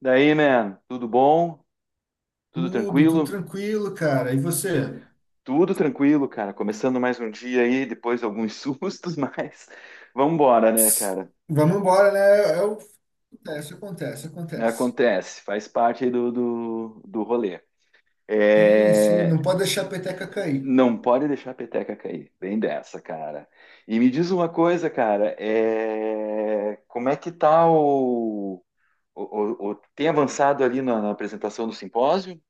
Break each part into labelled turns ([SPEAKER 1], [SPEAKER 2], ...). [SPEAKER 1] Daí, man, tudo bom? Tudo
[SPEAKER 2] Tudo, tudo
[SPEAKER 1] tranquilo?
[SPEAKER 2] tranquilo, cara. E você?
[SPEAKER 1] Tudo tranquilo, cara. Começando mais um dia aí, depois alguns sustos, mas vamos embora, né,
[SPEAKER 2] Tss,
[SPEAKER 1] cara?
[SPEAKER 2] vamos embora, né? É o- Acontece, acontece, acontece.
[SPEAKER 1] Acontece, faz parte aí do rolê.
[SPEAKER 2] Sim, sim, não
[SPEAKER 1] É.
[SPEAKER 2] pode deixar a peteca cair.
[SPEAKER 1] Não pode deixar a peteca cair, bem dessa, cara. E me diz uma coisa, cara, como é que tá tem avançado ali na apresentação do simpósio?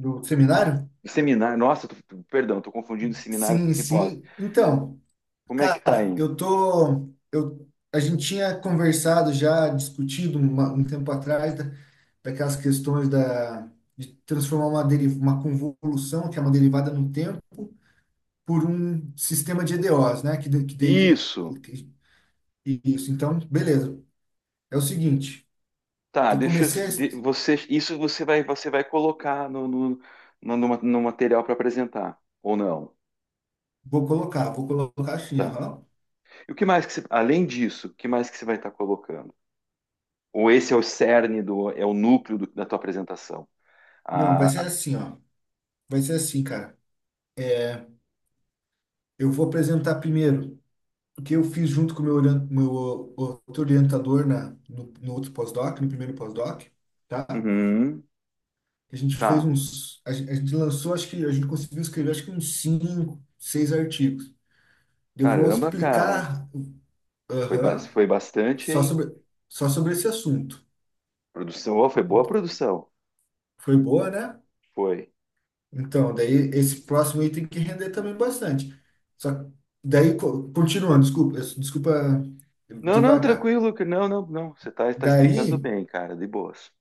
[SPEAKER 2] Do seminário?
[SPEAKER 1] Seminário, nossa, perdão, tô confundindo seminário com
[SPEAKER 2] Sim,
[SPEAKER 1] simpósio.
[SPEAKER 2] sim. Então,
[SPEAKER 1] Como é que tá
[SPEAKER 2] cara,
[SPEAKER 1] aí?
[SPEAKER 2] eu tô. A gente tinha conversado já, discutido um tempo atrás daquelas questões da, de transformar uma convolução, que é uma derivada no tempo, por um sistema de EDOs, né? Que daí.
[SPEAKER 1] Isso.
[SPEAKER 2] que- Isso, então, beleza. É o seguinte,
[SPEAKER 1] Tá,
[SPEAKER 2] eu comecei a.
[SPEAKER 1] você, isso você vai colocar no material para apresentar, ou não.
[SPEAKER 2] Vou colocar assim,
[SPEAKER 1] Tá.
[SPEAKER 2] aham.
[SPEAKER 1] E o que mais que você, além disso, o que mais que você vai estar colocando? Ou esse é o cerne do, é o núcleo da tua apresentação?
[SPEAKER 2] Não,
[SPEAKER 1] Ah,
[SPEAKER 2] vai ser
[SPEAKER 1] ah,
[SPEAKER 2] assim, ó. Vai ser assim, cara. Eu vou apresentar primeiro o que eu fiz junto com o meu outro orientador na, no, no outro pós-doc, no primeiro pós-doc, tá?
[SPEAKER 1] uhum,
[SPEAKER 2] A gente fez
[SPEAKER 1] tá,
[SPEAKER 2] uns, a gente lançou, acho que a gente conseguiu escrever, acho que uns cinco, seis artigos. Eu vou
[SPEAKER 1] caramba, cara,
[SPEAKER 2] explicar,
[SPEAKER 1] foi, ba-
[SPEAKER 2] aham,
[SPEAKER 1] foi bastante,
[SPEAKER 2] só
[SPEAKER 1] hein?
[SPEAKER 2] sobre, só sobre esse assunto.
[SPEAKER 1] Produção, ó, foi boa a produção,
[SPEAKER 2] Foi boa, né?
[SPEAKER 1] foi.
[SPEAKER 2] Então, daí esse próximo item tem que render também bastante. Só que daí, continuando, desculpa, desculpa
[SPEAKER 1] Não, não,
[SPEAKER 2] devagar.
[SPEAKER 1] tranquilo, não, não, não, você tá explicando
[SPEAKER 2] Daí,
[SPEAKER 1] bem, cara, de boas.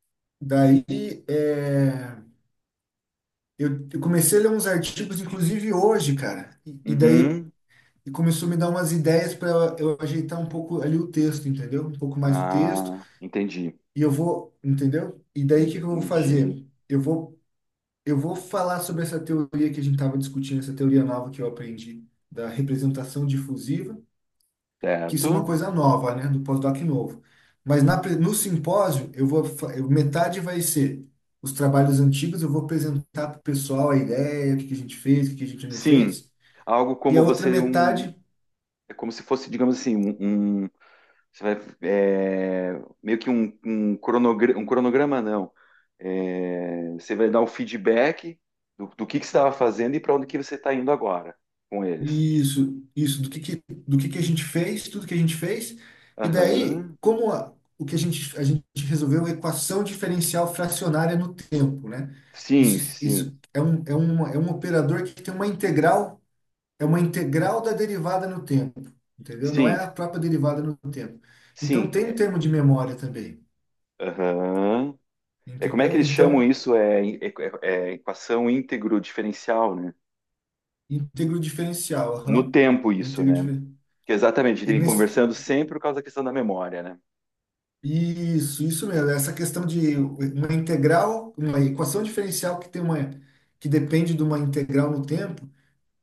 [SPEAKER 2] daí é, eu comecei a ler uns artigos, inclusive hoje, cara. E daí
[SPEAKER 1] Uhum,
[SPEAKER 2] começou a me dar umas ideias para eu ajeitar um pouco ali o texto, entendeu? Um pouco mais o texto.
[SPEAKER 1] ah, entendi.
[SPEAKER 2] E eu vou, entendeu? E daí o que que eu vou
[SPEAKER 1] Entendi.
[SPEAKER 2] fazer? Eu vou falar sobre essa teoria que a gente estava discutindo, essa teoria nova que eu aprendi da representação difusiva, que isso é uma
[SPEAKER 1] Certo?
[SPEAKER 2] coisa nova, né, do pós-doc novo. Mas no simpósio, eu vou, fa- eu- metade vai ser os trabalhos antigos. Eu vou apresentar para o pessoal a ideia, o que que a gente fez, o que que a gente não
[SPEAKER 1] Sim.
[SPEAKER 2] fez,
[SPEAKER 1] Algo
[SPEAKER 2] e a
[SPEAKER 1] como
[SPEAKER 2] outra
[SPEAKER 1] você um,
[SPEAKER 2] metade,
[SPEAKER 1] é como se fosse, digamos assim, você vai é, meio que um cronograma, um cronograma não. É, você vai dar o feedback do que você estava fazendo e para onde que você está indo agora com eles.
[SPEAKER 2] isso, do que que a gente fez, tudo que a gente fez. E daí,
[SPEAKER 1] Aham.
[SPEAKER 2] o que a gente resolveu a equação diferencial fracionária no tempo, né?
[SPEAKER 1] Sim,
[SPEAKER 2] Isso,
[SPEAKER 1] sim,
[SPEAKER 2] isso é um operador que tem uma integral. É uma integral da derivada no tempo, entendeu? Não
[SPEAKER 1] sim,
[SPEAKER 2] é a própria derivada no tempo. Então
[SPEAKER 1] sim.
[SPEAKER 2] tem um
[SPEAKER 1] É.
[SPEAKER 2] termo de memória também,
[SPEAKER 1] Aham. É, como é que
[SPEAKER 2] entendeu?
[SPEAKER 1] eles chamam
[SPEAKER 2] Então,
[SPEAKER 1] isso? É equação íntegro diferencial, né?
[SPEAKER 2] íntegro diferencial,
[SPEAKER 1] No
[SPEAKER 2] aham.
[SPEAKER 1] tempo isso,
[SPEAKER 2] Íntegro
[SPEAKER 1] né?
[SPEAKER 2] dife-
[SPEAKER 1] Que exatamente, a gente
[SPEAKER 2] e
[SPEAKER 1] vem
[SPEAKER 2] nesse-
[SPEAKER 1] conversando sempre por causa da questão da memória, né?
[SPEAKER 2] Isso mesmo. É essa questão de uma integral, uma equação diferencial que tem uma que depende de uma integral no tempo.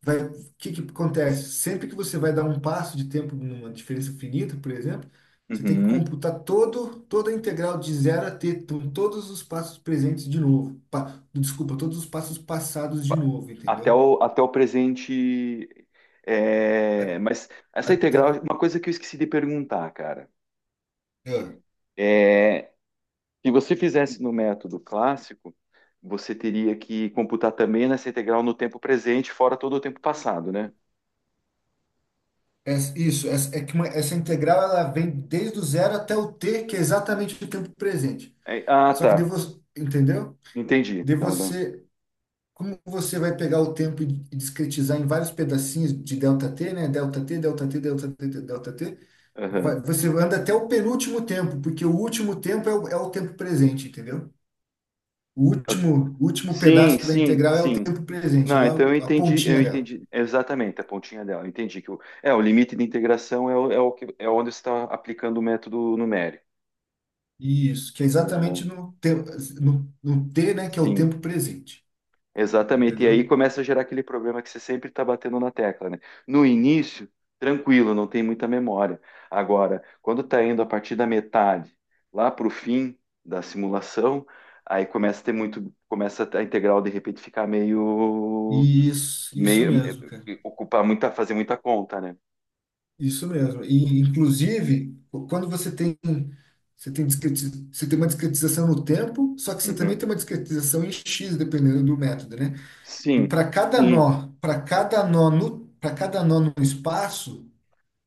[SPEAKER 2] Vai, o que que acontece? Sempre que você vai dar um passo de tempo numa diferença finita, por exemplo, você tem que
[SPEAKER 1] Uhum.
[SPEAKER 2] computar todo, toda a integral de zero a t, então, todos os passos presentes de novo. Desculpa, todos os passos passados de
[SPEAKER 1] Pa-
[SPEAKER 2] novo,
[SPEAKER 1] Até
[SPEAKER 2] entendeu?
[SPEAKER 1] o, até o presente. É, mas essa integral, é
[SPEAKER 2] Até-
[SPEAKER 1] uma coisa que eu esqueci de perguntar, cara.
[SPEAKER 2] é,
[SPEAKER 1] É, se você fizesse no método clássico, você teria que computar também nessa integral no tempo presente, fora todo o tempo passado, né?
[SPEAKER 2] é isso, é que essa integral, ela vem desde o zero até o t, que é exatamente o tempo presente.
[SPEAKER 1] É, ah,
[SPEAKER 2] Só que de
[SPEAKER 1] tá.
[SPEAKER 2] você, entendeu?
[SPEAKER 1] Entendi.
[SPEAKER 2] De
[SPEAKER 1] Então, não.
[SPEAKER 2] você Como você vai pegar o tempo e discretizar em vários pedacinhos de delta t, né? Delta t, delta t, delta t, delta t,
[SPEAKER 1] Aham.
[SPEAKER 2] você anda até o penúltimo tempo, porque o último tempo é o, é o tempo presente, entendeu? O último
[SPEAKER 1] Sim,
[SPEAKER 2] pedaço da
[SPEAKER 1] sim,
[SPEAKER 2] integral é o
[SPEAKER 1] sim.
[SPEAKER 2] tempo presente,
[SPEAKER 1] Não,
[SPEAKER 2] lá
[SPEAKER 1] então eu
[SPEAKER 2] a
[SPEAKER 1] entendi, eu
[SPEAKER 2] pontinha dela.
[SPEAKER 1] entendi exatamente a pontinha dela. Eu entendi que o limite de integração é, o, é, o que, é onde você está aplicando o método numérico.
[SPEAKER 2] Isso, que é exatamente
[SPEAKER 1] Aham,
[SPEAKER 2] no, te, no, no t, né? Que é o
[SPEAKER 1] sim,
[SPEAKER 2] tempo presente,
[SPEAKER 1] exatamente. E aí
[SPEAKER 2] entendeu?
[SPEAKER 1] começa a gerar aquele problema que você sempre está batendo na tecla, né? No início, tranquilo, não tem muita memória. Agora, quando está indo a partir da metade, lá para o fim da simulação, aí começa a ter muito, começa a integral de repente ficar meio
[SPEAKER 2] Isso
[SPEAKER 1] meio
[SPEAKER 2] mesmo, cara.
[SPEAKER 1] eh, ocupar muita, fazer muita conta, né?
[SPEAKER 2] Isso mesmo. E, inclusive, quando você tem uma discretização no tempo, só que você também
[SPEAKER 1] Uhum.
[SPEAKER 2] tem uma discretização em x, dependendo do método, né? E
[SPEAKER 1] Sim, sim,
[SPEAKER 2] para cada nó no espaço,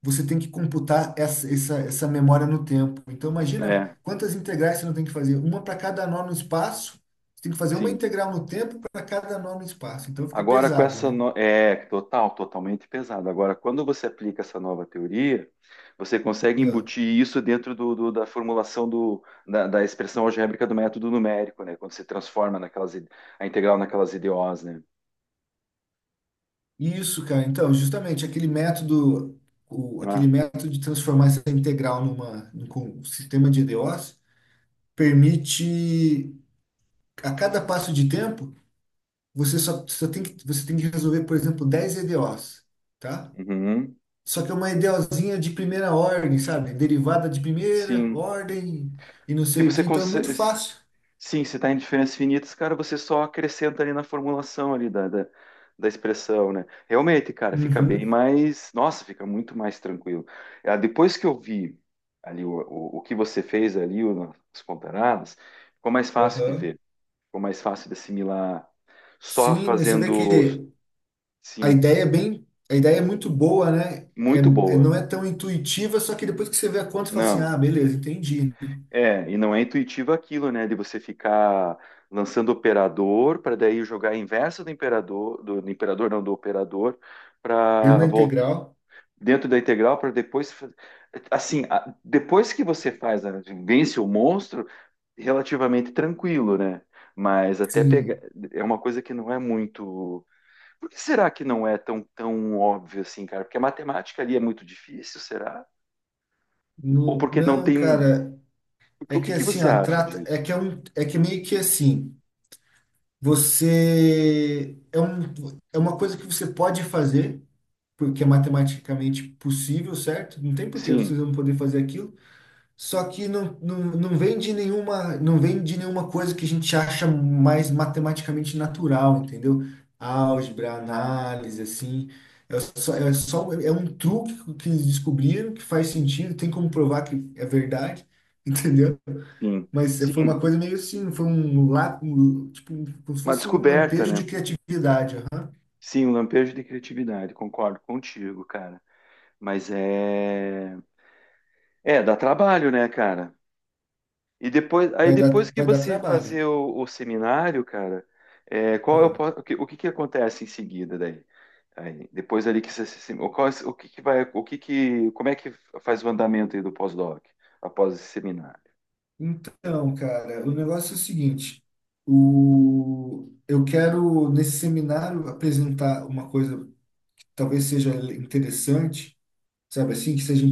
[SPEAKER 2] você tem que computar essa memória no tempo. Então, imagina
[SPEAKER 1] é,
[SPEAKER 2] quantas integrais você não tem que fazer. Uma para cada nó no espaço, você tem que fazer uma
[SPEAKER 1] sim.
[SPEAKER 2] integral no tempo para cada nó no espaço. Então, fica
[SPEAKER 1] Agora com
[SPEAKER 2] pesado,
[SPEAKER 1] essa
[SPEAKER 2] né?
[SPEAKER 1] é totalmente pesado. Agora, quando você aplica essa nova teoria, você consegue
[SPEAKER 2] Ah.
[SPEAKER 1] embutir isso dentro do, da formulação do, da expressão algébrica do método numérico, né? Quando você transforma a integral naquelas IDOs, né?
[SPEAKER 2] Isso, cara. Então, justamente aquele método, aquele
[SPEAKER 1] Ah,
[SPEAKER 2] método de transformar essa integral sistema de EDOs permite, a cada passo de tempo, você tem que resolver, por exemplo, 10 EDOs, tá?
[SPEAKER 1] uhum,
[SPEAKER 2] Só que é uma EDOzinha de primeira ordem, sabe? Derivada de primeira
[SPEAKER 1] sim,
[SPEAKER 2] ordem e não
[SPEAKER 1] que
[SPEAKER 2] sei o que.
[SPEAKER 1] você
[SPEAKER 2] Então é muito
[SPEAKER 1] consegue.
[SPEAKER 2] fácil.
[SPEAKER 1] Sim, se está em diferenças finitas, cara, você só acrescenta ali na formulação ali da expressão, né? Realmente, cara, fica bem
[SPEAKER 2] Uhum.
[SPEAKER 1] mais. Nossa, fica muito mais tranquilo. Ah, depois que eu vi ali o que você fez ali, as comparadas, ficou mais fácil de
[SPEAKER 2] Aham.
[SPEAKER 1] ver, ficou mais fácil de assimilar. Só
[SPEAKER 2] Sim, né, você vê
[SPEAKER 1] fazendo,
[SPEAKER 2] que a
[SPEAKER 1] sim,
[SPEAKER 2] ideia é bem, a ideia é muito boa, né?
[SPEAKER 1] muito boa.
[SPEAKER 2] Não é tão intuitiva, só que depois que você vê a conta, você fala assim,
[SPEAKER 1] Não,
[SPEAKER 2] ah, beleza, entendi.
[SPEAKER 1] é, e não é intuitivo aquilo, né? De você ficar lançando operador para daí jogar a inversa do imperador, do imperador não, do operador,
[SPEAKER 2] Grande
[SPEAKER 1] para
[SPEAKER 2] da
[SPEAKER 1] voltar
[SPEAKER 2] integral,
[SPEAKER 1] dentro da integral para depois, assim, depois que você faz, vence o monstro, relativamente tranquilo, né? Mas até pegar
[SPEAKER 2] sim.
[SPEAKER 1] é uma coisa que não é muito. Por que será que não é tão óbvio assim, cara? Porque a matemática ali é muito difícil, será? Ou
[SPEAKER 2] Não,
[SPEAKER 1] porque não
[SPEAKER 2] não,
[SPEAKER 1] tem?
[SPEAKER 2] cara,
[SPEAKER 1] O
[SPEAKER 2] é
[SPEAKER 1] que
[SPEAKER 2] que
[SPEAKER 1] que
[SPEAKER 2] assim,
[SPEAKER 1] você
[SPEAKER 2] ó,
[SPEAKER 1] acha
[SPEAKER 2] trata, é
[SPEAKER 1] disso?
[SPEAKER 2] que é um, é que meio que assim, você é um, é uma coisa que você pode fazer, porque é matematicamente possível, certo? Não tem por que
[SPEAKER 1] Sim.
[SPEAKER 2] vocês não poder fazer aquilo. Só que não, não, não vem de nenhuma coisa que a gente acha mais matematicamente natural, entendeu? Álgebra, análise, assim. É um truque que eles descobriram que faz sentido, tem como provar que é verdade, entendeu?
[SPEAKER 1] Sim,
[SPEAKER 2] Mas foi
[SPEAKER 1] sim,
[SPEAKER 2] uma coisa meio assim, foi um tipo, como se
[SPEAKER 1] uma
[SPEAKER 2] fosse um
[SPEAKER 1] descoberta,
[SPEAKER 2] lampejo de
[SPEAKER 1] né?
[SPEAKER 2] criatividade. Aham.
[SPEAKER 1] Sim, um lampejo de criatividade, concordo contigo, cara. Mas é, dá trabalho, né, cara? E depois, aí
[SPEAKER 2] Vai dar,
[SPEAKER 1] depois que
[SPEAKER 2] vai dar
[SPEAKER 1] você
[SPEAKER 2] trabalho.
[SPEAKER 1] fazer o seminário, cara, é, qual é o que que acontece em seguida daí? Aí, depois ali que você, se- o, qual, o que que vai, o que que, como é que faz o andamento aí do pós-doc após esse seminário?
[SPEAKER 2] Então, cara, o negócio é o seguinte, eu quero nesse seminário apresentar uma coisa que talvez seja interessante, sabe assim, que seja,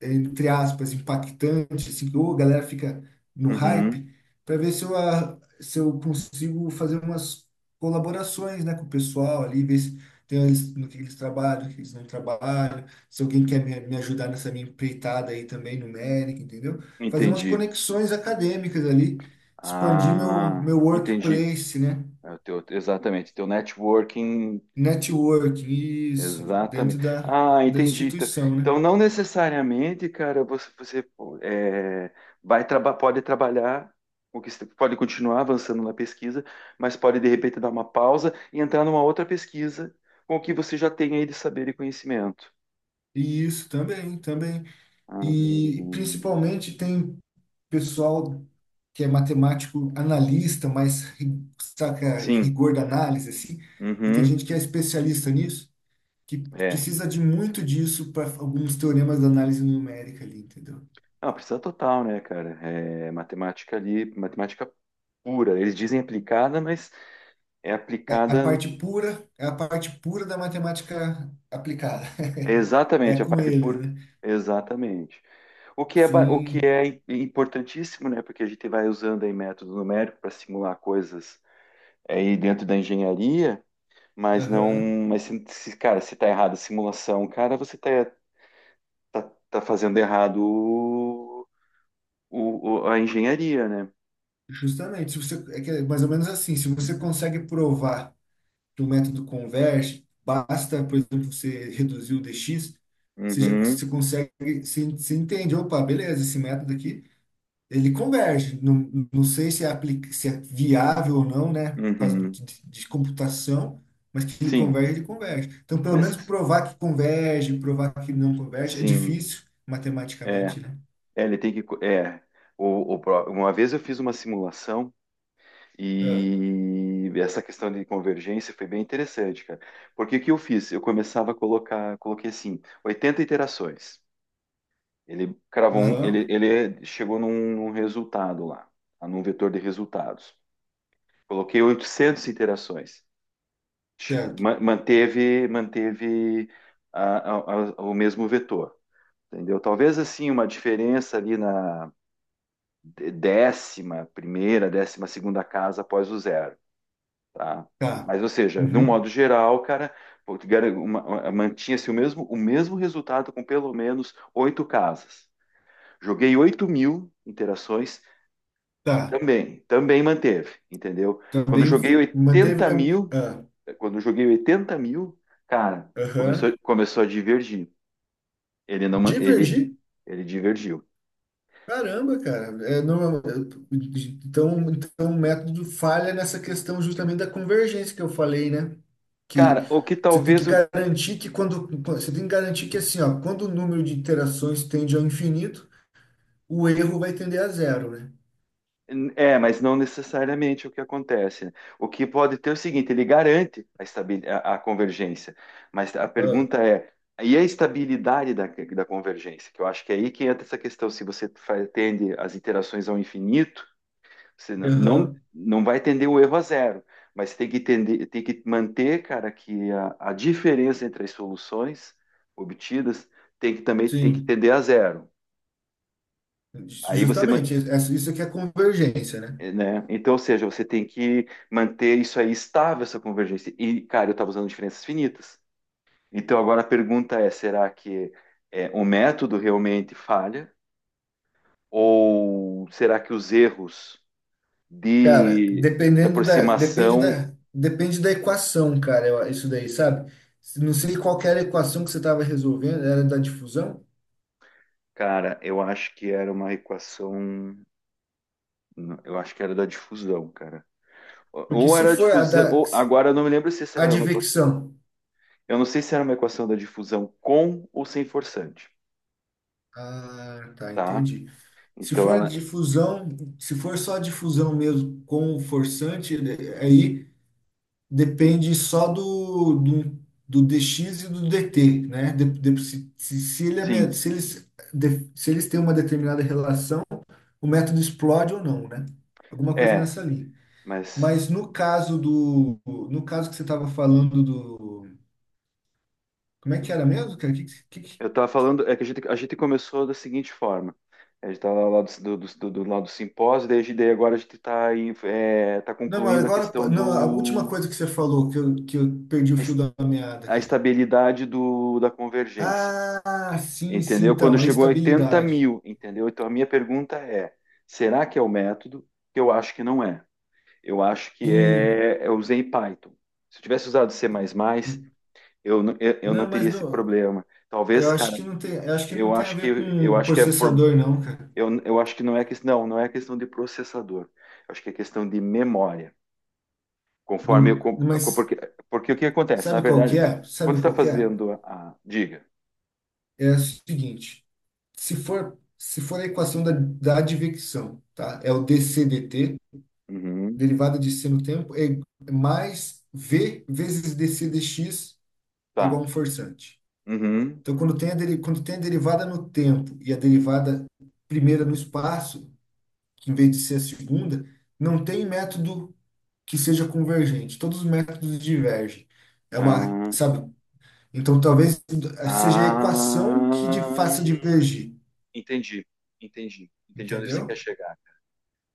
[SPEAKER 2] entre aspas, impactante, assim, que ô, a galera fica no
[SPEAKER 1] Uhum,
[SPEAKER 2] hype, para ver se se eu consigo fazer umas colaborações, né, com o pessoal ali, ver se tem eles, no que eles trabalham, no que eles não trabalham, se alguém quer me ajudar nessa minha empreitada aí também, numérica, entendeu? Fazer umas
[SPEAKER 1] entendi.
[SPEAKER 2] conexões acadêmicas ali, expandir meu,
[SPEAKER 1] Ah,
[SPEAKER 2] meu
[SPEAKER 1] entendi.
[SPEAKER 2] workplace, né?
[SPEAKER 1] É o teu, exatamente, teu networking.
[SPEAKER 2] Networking, isso, dentro
[SPEAKER 1] Exatamente.
[SPEAKER 2] da,
[SPEAKER 1] Ah,
[SPEAKER 2] da
[SPEAKER 1] entendi. Então,
[SPEAKER 2] instituição, né?
[SPEAKER 1] então, não necessariamente, cara, você, é, vai traba pode trabalhar, o que você pode continuar avançando na pesquisa, mas pode de repente dar uma pausa e entrar numa outra pesquisa com o que você já tem aí de saber e conhecimento.
[SPEAKER 2] Isso, também, também.
[SPEAKER 1] Ah,
[SPEAKER 2] E principalmente tem pessoal que é matemático analista, mas saca
[SPEAKER 1] sim.
[SPEAKER 2] rigor da análise, assim, e tem
[SPEAKER 1] Uhum.
[SPEAKER 2] gente que é especialista nisso, que
[SPEAKER 1] É.
[SPEAKER 2] precisa de muito disso para alguns teoremas da análise numérica ali, entendeu?
[SPEAKER 1] Não, precisa total, né, cara? É matemática ali, matemática pura. Eles dizem aplicada, mas é
[SPEAKER 2] É a
[SPEAKER 1] aplicada.
[SPEAKER 2] parte pura, é a parte pura da matemática aplicada. É
[SPEAKER 1] Exatamente, a
[SPEAKER 2] com
[SPEAKER 1] parte
[SPEAKER 2] eles,
[SPEAKER 1] pura.
[SPEAKER 2] né?
[SPEAKER 1] Exatamente. O que é, ba- o que
[SPEAKER 2] Sim,
[SPEAKER 1] é im- importantíssimo, né? Porque a gente vai usando aí método numérico para simular coisas aí dentro da engenharia, mas não,
[SPEAKER 2] aham.
[SPEAKER 1] mas se, cara, se tá errado a simulação, cara, você tá, tá fazendo errado o, a engenharia, né?
[SPEAKER 2] Justamente, se você, é que é mais ou menos assim, se você consegue provar de um método converge basta, por exemplo, você reduzir o dx, você já você
[SPEAKER 1] Uhum,
[SPEAKER 2] consegue, você entende, opa, beleza, esse método aqui, ele converge. Não, não sei se é, aplica, se é viável ou não, né, por causa de,
[SPEAKER 1] uhum.
[SPEAKER 2] de, de computação, mas que ele
[SPEAKER 1] Sim,
[SPEAKER 2] converge, ele converge. Então, pelo menos
[SPEAKER 1] mas
[SPEAKER 2] provar que converge, provar que não converge, é
[SPEAKER 1] sim,
[SPEAKER 2] difícil
[SPEAKER 1] é,
[SPEAKER 2] matematicamente, né?
[SPEAKER 1] é, ele tem que, é, uma vez eu fiz uma simulação.
[SPEAKER 2] Ah,
[SPEAKER 1] E essa questão de convergência foi bem interessante, cara. Porque o que eu fiz? Eu começava a colocar, coloquei assim, 80 iterações. Ele cravou um, ele,
[SPEAKER 2] aham,
[SPEAKER 1] ele chegou num, resultado lá. Tá? Num vetor de resultados. Coloquei 800 iterações. Che-
[SPEAKER 2] certo,
[SPEAKER 1] ma- Manteve, manteve a- a- o mesmo vetor, entendeu? Talvez assim uma diferença ali na 11ª, 12ª casa após o zero. Tá?
[SPEAKER 2] tá.
[SPEAKER 1] Mas, ou seja, de um
[SPEAKER 2] Uhum,
[SPEAKER 1] modo geral, cara, pô, mantinha-se o mesmo resultado com pelo menos oito casas. Joguei 8.000 interações,
[SPEAKER 2] tá.
[SPEAKER 1] também manteve, entendeu? Quando eu
[SPEAKER 2] Também
[SPEAKER 1] joguei
[SPEAKER 2] manteve
[SPEAKER 1] oitenta
[SPEAKER 2] a.
[SPEAKER 1] mil,
[SPEAKER 2] Ah,
[SPEAKER 1] quando eu joguei 80.000, cara, começou,
[SPEAKER 2] aham.
[SPEAKER 1] começou a divergir. Ele não, ele,
[SPEAKER 2] Divergir?
[SPEAKER 1] ele divergiu.
[SPEAKER 2] Caramba, cara. É, então, o método falha nessa questão justamente da convergência que eu falei, né?
[SPEAKER 1] Cara,
[SPEAKER 2] Que
[SPEAKER 1] o que talvez
[SPEAKER 2] você tem que garantir que assim, ó, quando o número de iterações tende ao infinito, o erro vai tender a zero, né?
[SPEAKER 1] é, mas não necessariamente o que acontece. O que pode ter é o seguinte, ele garante a convergência, mas a
[SPEAKER 2] Ah,
[SPEAKER 1] pergunta é, e a estabilidade da convergência? Que eu acho que é aí que entra essa questão, se você tende as iterações ao infinito, você não, não,
[SPEAKER 2] aham,
[SPEAKER 1] não vai tender o erro a zero, mas tem que tender, tem que manter, cara, que a diferença entre as soluções obtidas tem que também tem que
[SPEAKER 2] sim,
[SPEAKER 1] tender a zero. Aí você man-
[SPEAKER 2] justamente, isso aqui é a convergência, né?
[SPEAKER 1] É, né? Então, ou seja, você tem que manter isso aí estável, essa convergência. E, cara, eu estava usando diferenças finitas. Então, agora a pergunta é: será que o método realmente falha? Ou será que os erros
[SPEAKER 2] Cara,
[SPEAKER 1] de, de
[SPEAKER 2] dependendo da, depende
[SPEAKER 1] aproximação,
[SPEAKER 2] da, depende da equação, cara, isso daí, sabe? Não sei qual que era a equação que você estava resolvendo, era da difusão?
[SPEAKER 1] cara, eu acho que era uma equação, eu acho que era da difusão, cara. Ou
[SPEAKER 2] Porque
[SPEAKER 1] ou
[SPEAKER 2] se
[SPEAKER 1] era a
[SPEAKER 2] for a da
[SPEAKER 1] difusão, ou agora eu não me lembro se essa era uma equação,
[SPEAKER 2] advecção,
[SPEAKER 1] eu não sei se era uma equação da difusão com ou sem forçante,
[SPEAKER 2] ah, tá,
[SPEAKER 1] tá?
[SPEAKER 2] entendi. Se
[SPEAKER 1] Então,
[SPEAKER 2] for
[SPEAKER 1] ela,
[SPEAKER 2] difusão, se for só difusão mesmo com o forçante, né, aí depende só do dx e do dt, né? De- se, se, se ele é me-
[SPEAKER 1] sim,
[SPEAKER 2] se eles, de- se eles têm uma determinada relação, o método explode ou não, né? Alguma coisa
[SPEAKER 1] é,
[SPEAKER 2] nessa linha.
[SPEAKER 1] mas
[SPEAKER 2] Mas no caso do, no caso que você estava falando do, como é que era mesmo, cara?
[SPEAKER 1] eu tava falando, é que a gente, começou da seguinte forma. A gente tava lá do lado do simpósio, daí, daí agora a gente está tá
[SPEAKER 2] Não, mas
[SPEAKER 1] concluindo a
[SPEAKER 2] agora,
[SPEAKER 1] questão
[SPEAKER 2] não, a última
[SPEAKER 1] do
[SPEAKER 2] coisa que você falou, que eu, perdi o
[SPEAKER 1] a
[SPEAKER 2] fio
[SPEAKER 1] es-
[SPEAKER 2] da meada
[SPEAKER 1] a
[SPEAKER 2] aqui.
[SPEAKER 1] estabilidade da convergência,
[SPEAKER 2] Ah, sim, sim,
[SPEAKER 1] entendeu? Quando
[SPEAKER 2] então, a
[SPEAKER 1] chegou a oitenta
[SPEAKER 2] estabilidade.
[SPEAKER 1] mil, entendeu? Então a minha pergunta é, será que é o método? Eu acho que não é. Eu acho que
[SPEAKER 2] Sim,
[SPEAKER 1] é, eu usei Python. Se eu tivesse usado C++, eu não
[SPEAKER 2] não,
[SPEAKER 1] teria
[SPEAKER 2] mas
[SPEAKER 1] esse
[SPEAKER 2] não,
[SPEAKER 1] problema. Talvez, cara,
[SPEAKER 2] eu acho que
[SPEAKER 1] Eu
[SPEAKER 2] não tem a
[SPEAKER 1] acho
[SPEAKER 2] ver
[SPEAKER 1] que eu
[SPEAKER 2] com
[SPEAKER 1] acho que é pro-
[SPEAKER 2] processador, não, cara.
[SPEAKER 1] eu acho que não é questão não, não é questão de processador. Eu acho que é questão de memória. Conforme eu,
[SPEAKER 2] Não, mas
[SPEAKER 1] porque o que acontece? Na
[SPEAKER 2] sabe qual que
[SPEAKER 1] verdade,
[SPEAKER 2] é?
[SPEAKER 1] quando
[SPEAKER 2] Sabe
[SPEAKER 1] você está
[SPEAKER 2] qual que é?
[SPEAKER 1] fazendo diga.
[SPEAKER 2] É o seguinte, se for a equação da advecção, tá? É o dCdt,
[SPEAKER 1] Uhum,
[SPEAKER 2] derivada de c no tempo, é mais v vezes dc dx é igual a
[SPEAKER 1] tá.
[SPEAKER 2] um forçante.
[SPEAKER 1] Uhum,
[SPEAKER 2] Então, quando tem a derivada no tempo e a derivada primeira no espaço, que em vez de ser a segunda, não tem método que seja convergente. Todos os métodos divergem. É uma,
[SPEAKER 1] ah,
[SPEAKER 2] sabe? Então, talvez seja a equação que de-
[SPEAKER 1] ah,
[SPEAKER 2] faça divergir,
[SPEAKER 1] entendi, entendi onde você quer
[SPEAKER 2] entendeu?
[SPEAKER 1] chegar.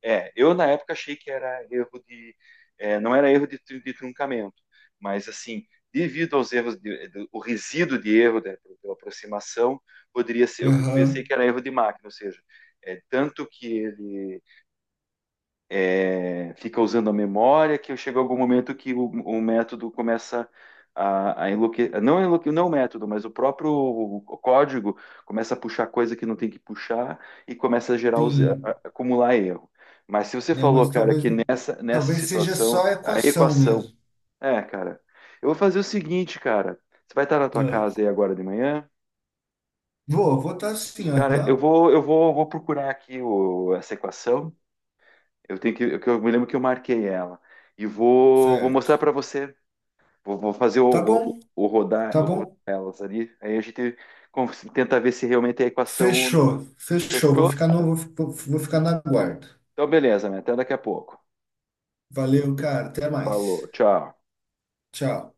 [SPEAKER 1] É, eu na época achei que era erro de. É, não era erro de truncamento, mas assim, devido aos erros, o resíduo de erro da, pela aproximação, poderia ser. Eu pensei
[SPEAKER 2] Aham,
[SPEAKER 1] que era erro de máquina, ou seja, é, tanto que ele é, fica usando a memória, que chega algum momento que o método começa a enlouquecer, não, enlouque, não o método, mas o próprio o código começa a puxar coisa que não tem que puxar e começa a gerar,
[SPEAKER 2] sim,
[SPEAKER 1] acumular erro. Mas se você
[SPEAKER 2] né?
[SPEAKER 1] falou,
[SPEAKER 2] Mas
[SPEAKER 1] cara,
[SPEAKER 2] talvez,
[SPEAKER 1] que nessa
[SPEAKER 2] talvez seja
[SPEAKER 1] situação,
[SPEAKER 2] só a
[SPEAKER 1] a
[SPEAKER 2] equação
[SPEAKER 1] equação,
[SPEAKER 2] mesmo.
[SPEAKER 1] é, cara, eu vou fazer o seguinte, cara, você vai estar na tua
[SPEAKER 2] Ah,
[SPEAKER 1] casa aí agora de manhã?
[SPEAKER 2] Vou estar assim,
[SPEAKER 1] Cara, eu
[SPEAKER 2] aham,
[SPEAKER 1] vou, eu vou, vou procurar aqui essa equação. Eu tenho que, eu me lembro que eu marquei ela. E vou
[SPEAKER 2] certo.
[SPEAKER 1] mostrar para você. Vou fazer
[SPEAKER 2] Tá
[SPEAKER 1] o, o,
[SPEAKER 2] bom,
[SPEAKER 1] o rodar,
[SPEAKER 2] tá
[SPEAKER 1] o rodar
[SPEAKER 2] bom.
[SPEAKER 1] elas ali. Aí a gente con- tenta ver se realmente é a equação.
[SPEAKER 2] Fechou, fechou. Vou
[SPEAKER 1] Fechou?
[SPEAKER 2] ficar no, vou, fi- Vou ficar na guarda.
[SPEAKER 1] Então, beleza, né? Até daqui a pouco.
[SPEAKER 2] Valeu, cara. Até mais.
[SPEAKER 1] Falou, tchau.
[SPEAKER 2] Tchau.